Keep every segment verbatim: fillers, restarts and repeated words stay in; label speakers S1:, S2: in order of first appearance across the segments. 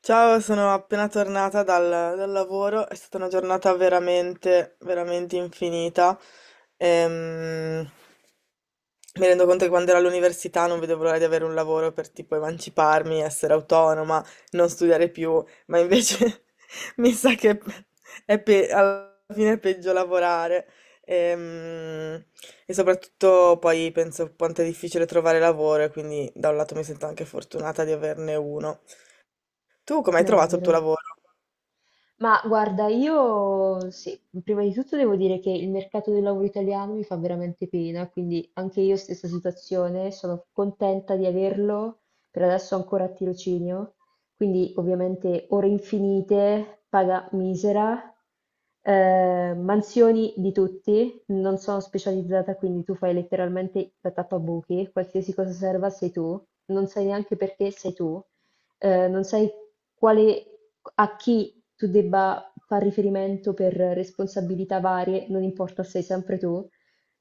S1: Ciao, sono appena tornata dal, dal lavoro, è stata una giornata veramente, veramente infinita. Ehm, Mi rendo conto che quando ero all'università non vedevo l'ora di avere un lavoro per tipo emanciparmi, essere autonoma, non studiare più, ma invece mi sa che è pe- alla fine è peggio lavorare. Ehm, E, soprattutto poi penso quanto è difficile trovare lavoro e quindi da un lato mi sento anche fortunata di averne uno. Tu come
S2: È
S1: hai trovato il tuo
S2: vero.
S1: lavoro?
S2: Ma guarda, io sì, prima di tutto devo dire che il mercato del lavoro italiano mi fa veramente pena, quindi anche io stessa situazione, sono contenta di averlo, per adesso ancora a tirocinio, quindi ovviamente ore infinite, paga misera, eh, mansioni di tutti, non sono specializzata, quindi tu fai letteralmente la tappabuchi, qualsiasi cosa serva sei tu, non sai neanche perché sei tu eh, non sai quale, a chi tu debba far riferimento per responsabilità varie, non importa, sei sempre tu.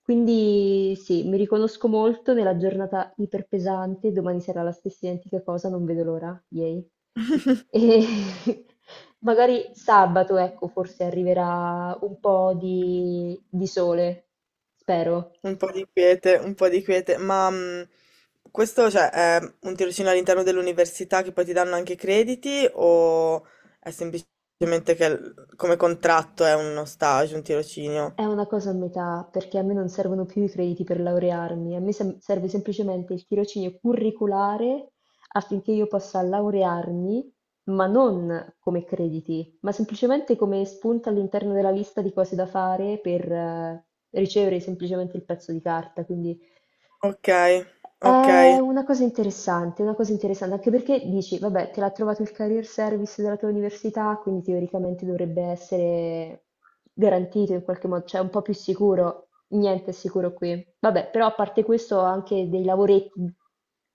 S2: Quindi sì, mi riconosco molto nella giornata iperpesante, domani sarà la stessa identica cosa, non vedo l'ora, yay. E magari sabato, ecco, forse arriverà un po' di, di sole, spero.
S1: Un po' di quiete, un po' di quiete, ma mh, questo cioè, è un tirocinio all'interno dell'università che poi ti danno anche crediti o è semplicemente che l- come contratto è uno stage, un tirocinio?
S2: È una cosa a metà, perché a me non servono più i crediti per laurearmi, a me sem- serve semplicemente il tirocinio curriculare affinché io possa laurearmi, ma non come crediti, ma semplicemente come spunta all'interno della lista di cose da fare per eh, ricevere semplicemente il pezzo di carta. Quindi
S1: Ok, ok.
S2: è una cosa interessante, una cosa interessante, anche perché dici, vabbè, te l'ha trovato il career service della tua università, quindi teoricamente dovrebbe essere garantito in qualche modo, cioè un po' più sicuro. Niente è sicuro qui. Vabbè, però a parte questo ho anche dei lavoretti,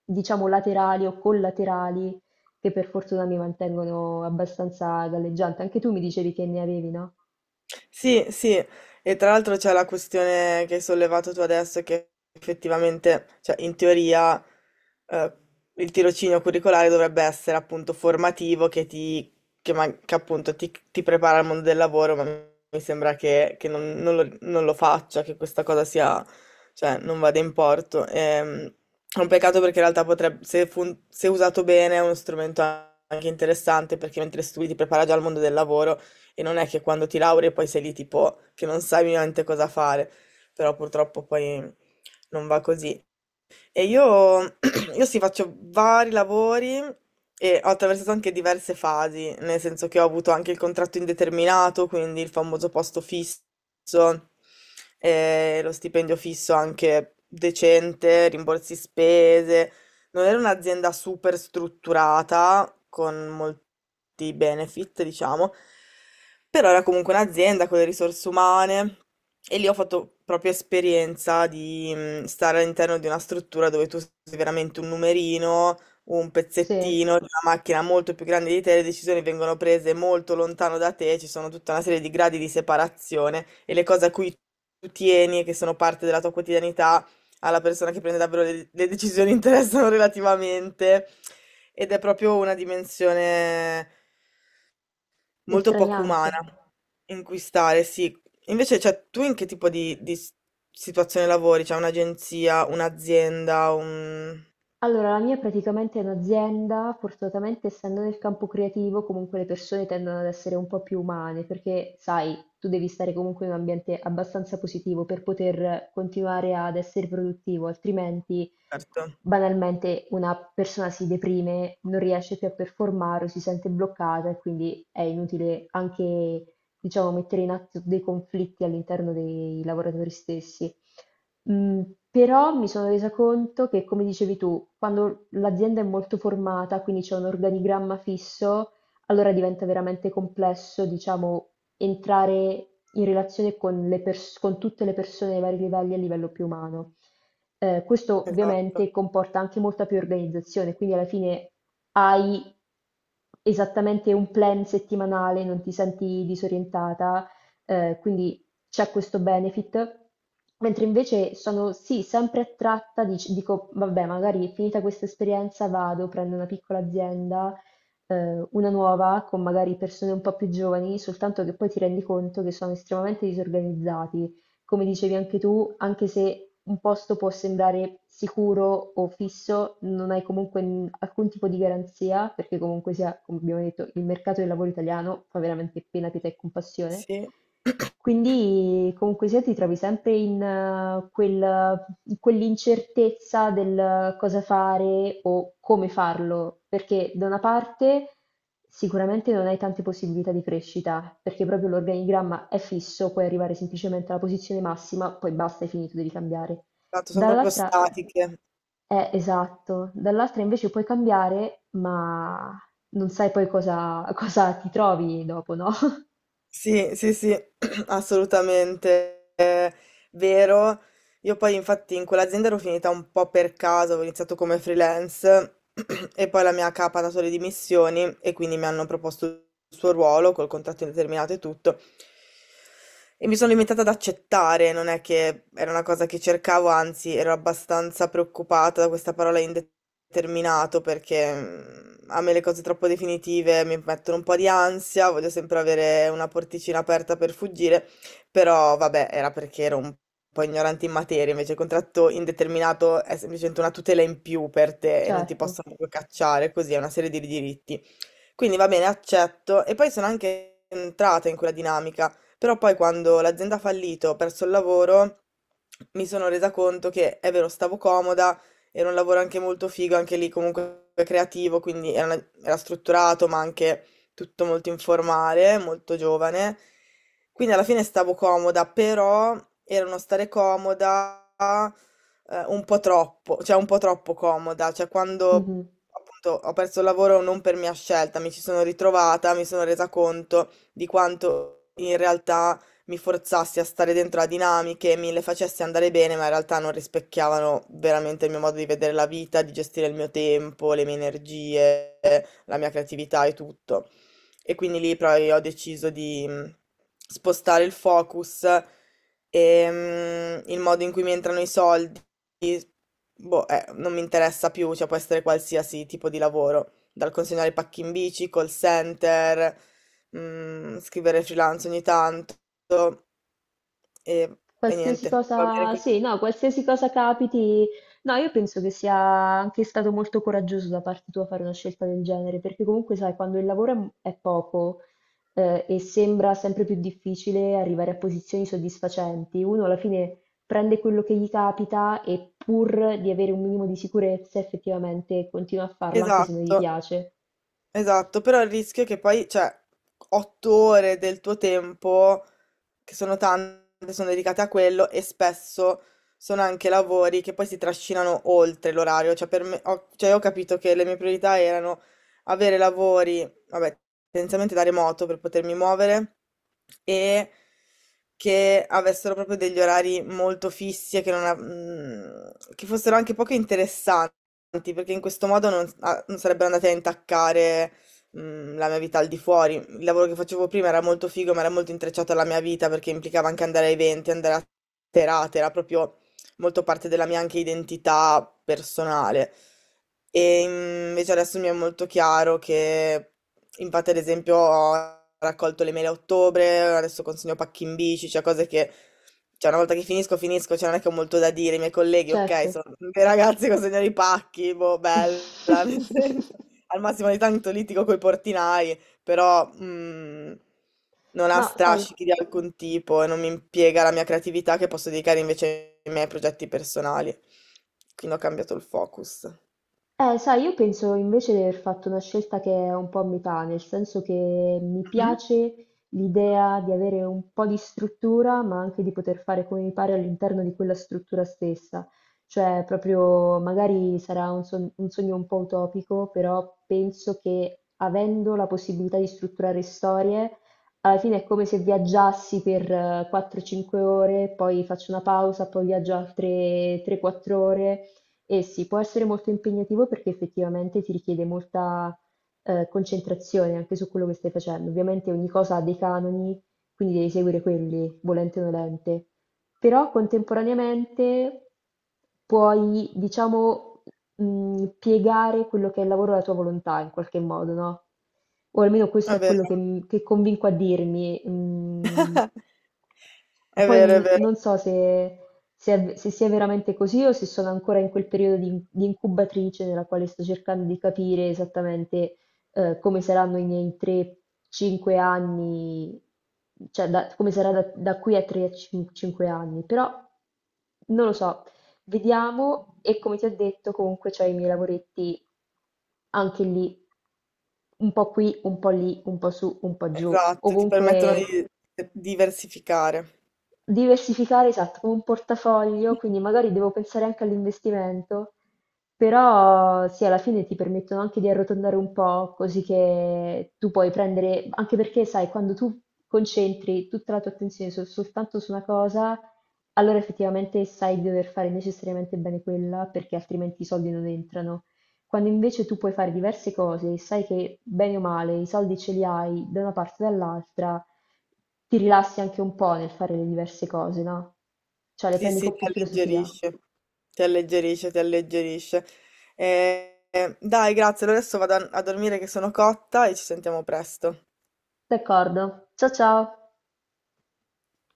S2: diciamo, laterali o collaterali che per fortuna mi mantengono abbastanza galleggiante. Anche tu mi dicevi che ne avevi, no?
S1: Sì, sì, e tra l'altro c'è la questione che hai sollevato tu adesso, che effettivamente, cioè in teoria, eh, il tirocinio curricolare dovrebbe essere appunto formativo, che ti, che ma- che appunto ti, ti prepara al mondo del lavoro, ma mi sembra che, che non, non lo, non lo faccia, che questa cosa sia, cioè non vada in porto. Ehm, è un peccato perché in realtà potrebbe, se, fun- se usato bene, è uno strumento anche interessante, perché mentre studi ti prepara già al mondo del lavoro e non è che quando ti lauri poi sei lì tipo che non sai minimamente cosa fare, però purtroppo poi non va così. E io, io sì, faccio vari lavori e ho attraversato anche diverse fasi, nel senso che ho avuto anche il contratto indeterminato, quindi il famoso posto fisso, eh, lo stipendio fisso anche decente, rimborsi spese, non era un'azienda super strutturata, con molti benefit, diciamo, però era comunque un'azienda con le risorse umane e lì ho fatto proprio esperienza di mm, stare all'interno di una struttura dove tu sei veramente un numerino, un
S2: Sì,
S1: pezzettino di una macchina molto più grande di te, le decisioni vengono prese molto lontano da te, ci sono tutta una serie di gradi di separazione e le cose a cui tu tieni e che sono parte della tua quotidianità alla persona che prende davvero le, le decisioni interessano relativamente ed è proprio una dimensione molto poco
S2: estraniante.
S1: umana in cui stare, sì. Invece, cioè, tu in che tipo di, di s- situazione lavori? Cioè un'agenzia, un'azienda, un...
S2: Allora, la mia è praticamente un'azienda, fortunatamente essendo nel campo creativo, comunque le persone tendono ad essere un po' più umane, perché sai, tu devi stare comunque in un ambiente abbastanza positivo per poter continuare ad essere produttivo, altrimenti
S1: Certo,
S2: banalmente una persona si deprime, non riesce più a performare o si sente bloccata e quindi è inutile anche diciamo, mettere in atto dei conflitti all'interno dei lavoratori stessi. Mm, però mi sono resa conto che, come dicevi tu, quando l'azienda è molto formata, quindi c'è un organigramma fisso, allora diventa veramente complesso, diciamo, entrare in relazione con le pers- con tutte le persone ai vari livelli a livello più umano. Eh, questo
S1: esatto,
S2: ovviamente comporta anche molta più organizzazione, quindi alla fine hai esattamente un plan settimanale, non ti senti disorientata, eh, quindi c'è questo benefit. Mentre invece sono sì, sempre attratta, dic- dico, vabbè, magari finita questa esperienza vado, prendo una piccola azienda ehm, una nuova con magari persone un po' più giovani, soltanto che poi ti rendi conto che sono estremamente disorganizzati come dicevi anche tu, anche se un posto può sembrare sicuro o fisso, non hai comunque n- alcun tipo di garanzia, perché comunque sia, come abbiamo detto, il mercato del lavoro italiano fa veramente pena, pietà e compassione.
S1: sì.
S2: Quindi comunque sia ti trovi sempre in, eh, quel- in quell'incertezza del cosa fare o come farlo, perché da una parte sicuramente non hai tante possibilità di crescita, perché proprio l'organigramma è fisso, puoi arrivare semplicemente alla posizione massima, poi basta, hai finito, devi cambiare.
S1: Esatto, sono proprio
S2: Dall'altra,
S1: statiche.
S2: è esatto, dall'altra invece puoi cambiare, ma non sai poi cosa, cosa ti trovi dopo, no?
S1: Sì, sì, sì, assolutamente eh, vero. Io poi infatti in quell'azienda ero finita un po' per caso, avevo iniziato come freelance e poi la mia capa ha dato le dimissioni e quindi mi hanno proposto il suo ruolo col contratto indeterminato e tutto. E mi sono limitata ad accettare, non è che era una cosa che cercavo, anzi ero abbastanza preoccupata da questa parola indeterminato perché mm, a me le cose troppo definitive mi mettono un po' di ansia, voglio sempre avere una porticina aperta per fuggire. Però vabbè, era perché ero un po' ignorante in materia, invece il contratto indeterminato è semplicemente una tutela in più per te e non ti
S2: Certo.
S1: possono proprio cacciare, così è una serie di diritti. Quindi va bene, accetto. E poi sono anche entrata in quella dinamica, però poi quando l'azienda ha fallito, ho perso il lavoro, mi sono resa conto che è vero, stavo comoda, era un lavoro anche molto figo, anche lì comunque creativo, quindi era, una- era strutturato, ma anche tutto molto informale, molto giovane. Quindi alla fine stavo comoda, però era uno stare comoda eh, un po' troppo, cioè un po' troppo comoda, cioè quando
S2: Mhm.
S1: appunto, ho perso il lavoro non per mia scelta, mi ci sono ritrovata, mi sono resa conto di quanto in realtà mi forzassi a stare dentro a dinamiche, mi le facessi andare bene, ma in realtà non rispecchiavano veramente il mio modo di vedere la vita, di gestire il mio tempo, le mie energie, la mia creatività e tutto. E quindi lì poi ho deciso di mm, spostare il focus e mm, il modo in cui mi entrano i soldi. Boh, eh, non mi interessa più, cioè può essere qualsiasi tipo di lavoro, dal consegnare pacchi in bici, call center, mm, scrivere freelance ogni tanto e, e
S2: Qualsiasi
S1: niente, va bene
S2: cosa,
S1: così.
S2: sì, no, qualsiasi cosa capiti, no, io penso che sia anche stato molto coraggioso da parte tua fare una scelta del genere, perché comunque sai, quando il lavoro è m- è poco, eh, e sembra sempre più difficile arrivare a posizioni soddisfacenti, uno alla fine prende quello che gli capita e pur di avere un minimo di sicurezza, effettivamente continua a farlo anche se non gli
S1: Esatto.
S2: piace.
S1: Esatto, però il rischio è che poi, cioè, otto ore del tuo tempo, che sono tante, sono dedicate a quello e spesso sono anche lavori che poi si trascinano oltre l'orario. Cioè, per me, ho, cioè, io ho capito che le mie priorità erano avere lavori, vabbè, tendenzialmente da remoto per potermi muovere e che, avessero proprio degli orari molto fissi e che, non, av- mm, che fossero anche poco interessanti importanti, perché in questo modo non, ah, non sarebbero andati a intaccare mm, la mia vita al di fuori. Il lavoro che facevo prima era molto figo, ma era molto intrecciato alla mia vita perché implicava anche andare a eventi, andare a serate, era proprio molto parte della mia anche identità personale. E mm, invece adesso mi è molto chiaro che, infatti, ad esempio, ho raccolto le mele a ottobre, adesso consegno pacchi in bici, cioè cose che, cioè, una volta che finisco, finisco, cioè, non è che ho molto da dire. I miei colleghi, ok,
S2: Certo.
S1: sono dei ragazzi consegnano i pacchi, boh, bella, nel senso, al massimo di tanto litigo coi portinai, però mm, non ha
S2: No, sai,
S1: strascichi di alcun tipo e non mi impiega la mia creatività che posso dedicare invece ai miei progetti personali. Quindi ho cambiato il focus.
S2: Eh, sai, io penso invece di aver fatto una scelta che è un po' a metà, nel senso che mi
S1: Mhm.
S2: piace l'idea di avere un po' di struttura, ma anche di poter fare come mi pare all'interno di quella struttura stessa. Cioè, proprio magari sarà un, son- un sogno un po' utopico, però penso che avendo la possibilità di strutturare storie, alla fine è come se viaggiassi per eh, quattro o cinque ore, poi faccio una pausa, poi viaggio altre tre quattro ore. Eh sì, può essere molto impegnativo perché effettivamente ti richiede molta eh, concentrazione anche su quello che stai facendo. Ovviamente ogni cosa ha dei canoni, quindi devi seguire quelli, volente o nolente. Però contemporaneamente puoi, diciamo, mh, piegare quello che è il lavoro alla tua volontà in qualche modo, no? O almeno questo
S1: È
S2: è quello
S1: vero,
S2: che, che convinco a dirmi. Mm.
S1: è
S2: Poi
S1: vero, è
S2: n-
S1: vero.
S2: non so se se, è- se sia veramente così o se sono ancora in quel periodo di, di incubatrice nella quale sto cercando di capire esattamente eh, come saranno i miei tre cinque anni, cioè da- come sarà da, da qui a tre o cinque anni, però non lo so, vediamo e come ti ho detto comunque ho i miei lavoretti anche lì, un po' qui, un po' lì, un po' su, un po' giù,
S1: Esatto, ti permettono di
S2: ovunque.
S1: diversificare.
S2: Diversificare, esatto, come un portafoglio, quindi magari devo pensare anche all'investimento, però sì, alla fine ti permettono anche di arrotondare un po', così che tu puoi prendere, anche perché sai, quando tu concentri tutta la tua attenzione sol- soltanto su una cosa, allora effettivamente sai di dover fare necessariamente bene quella, perché altrimenti i soldi non entrano. Quando invece tu puoi fare diverse cose e sai che bene o male i soldi ce li hai da una parte o dall'altra, ti rilassi anche un po' nel fare le diverse cose, no? Cioè le
S1: Sì,
S2: prendi
S1: sì,
S2: con
S1: ti
S2: più filosofia.
S1: alleggerisce, ti alleggerisce, ti alleggerisce. Eh, eh, dai, grazie. Allora adesso vado a a dormire che sono cotta e ci sentiamo presto.
S2: D'accordo. Ciao ciao.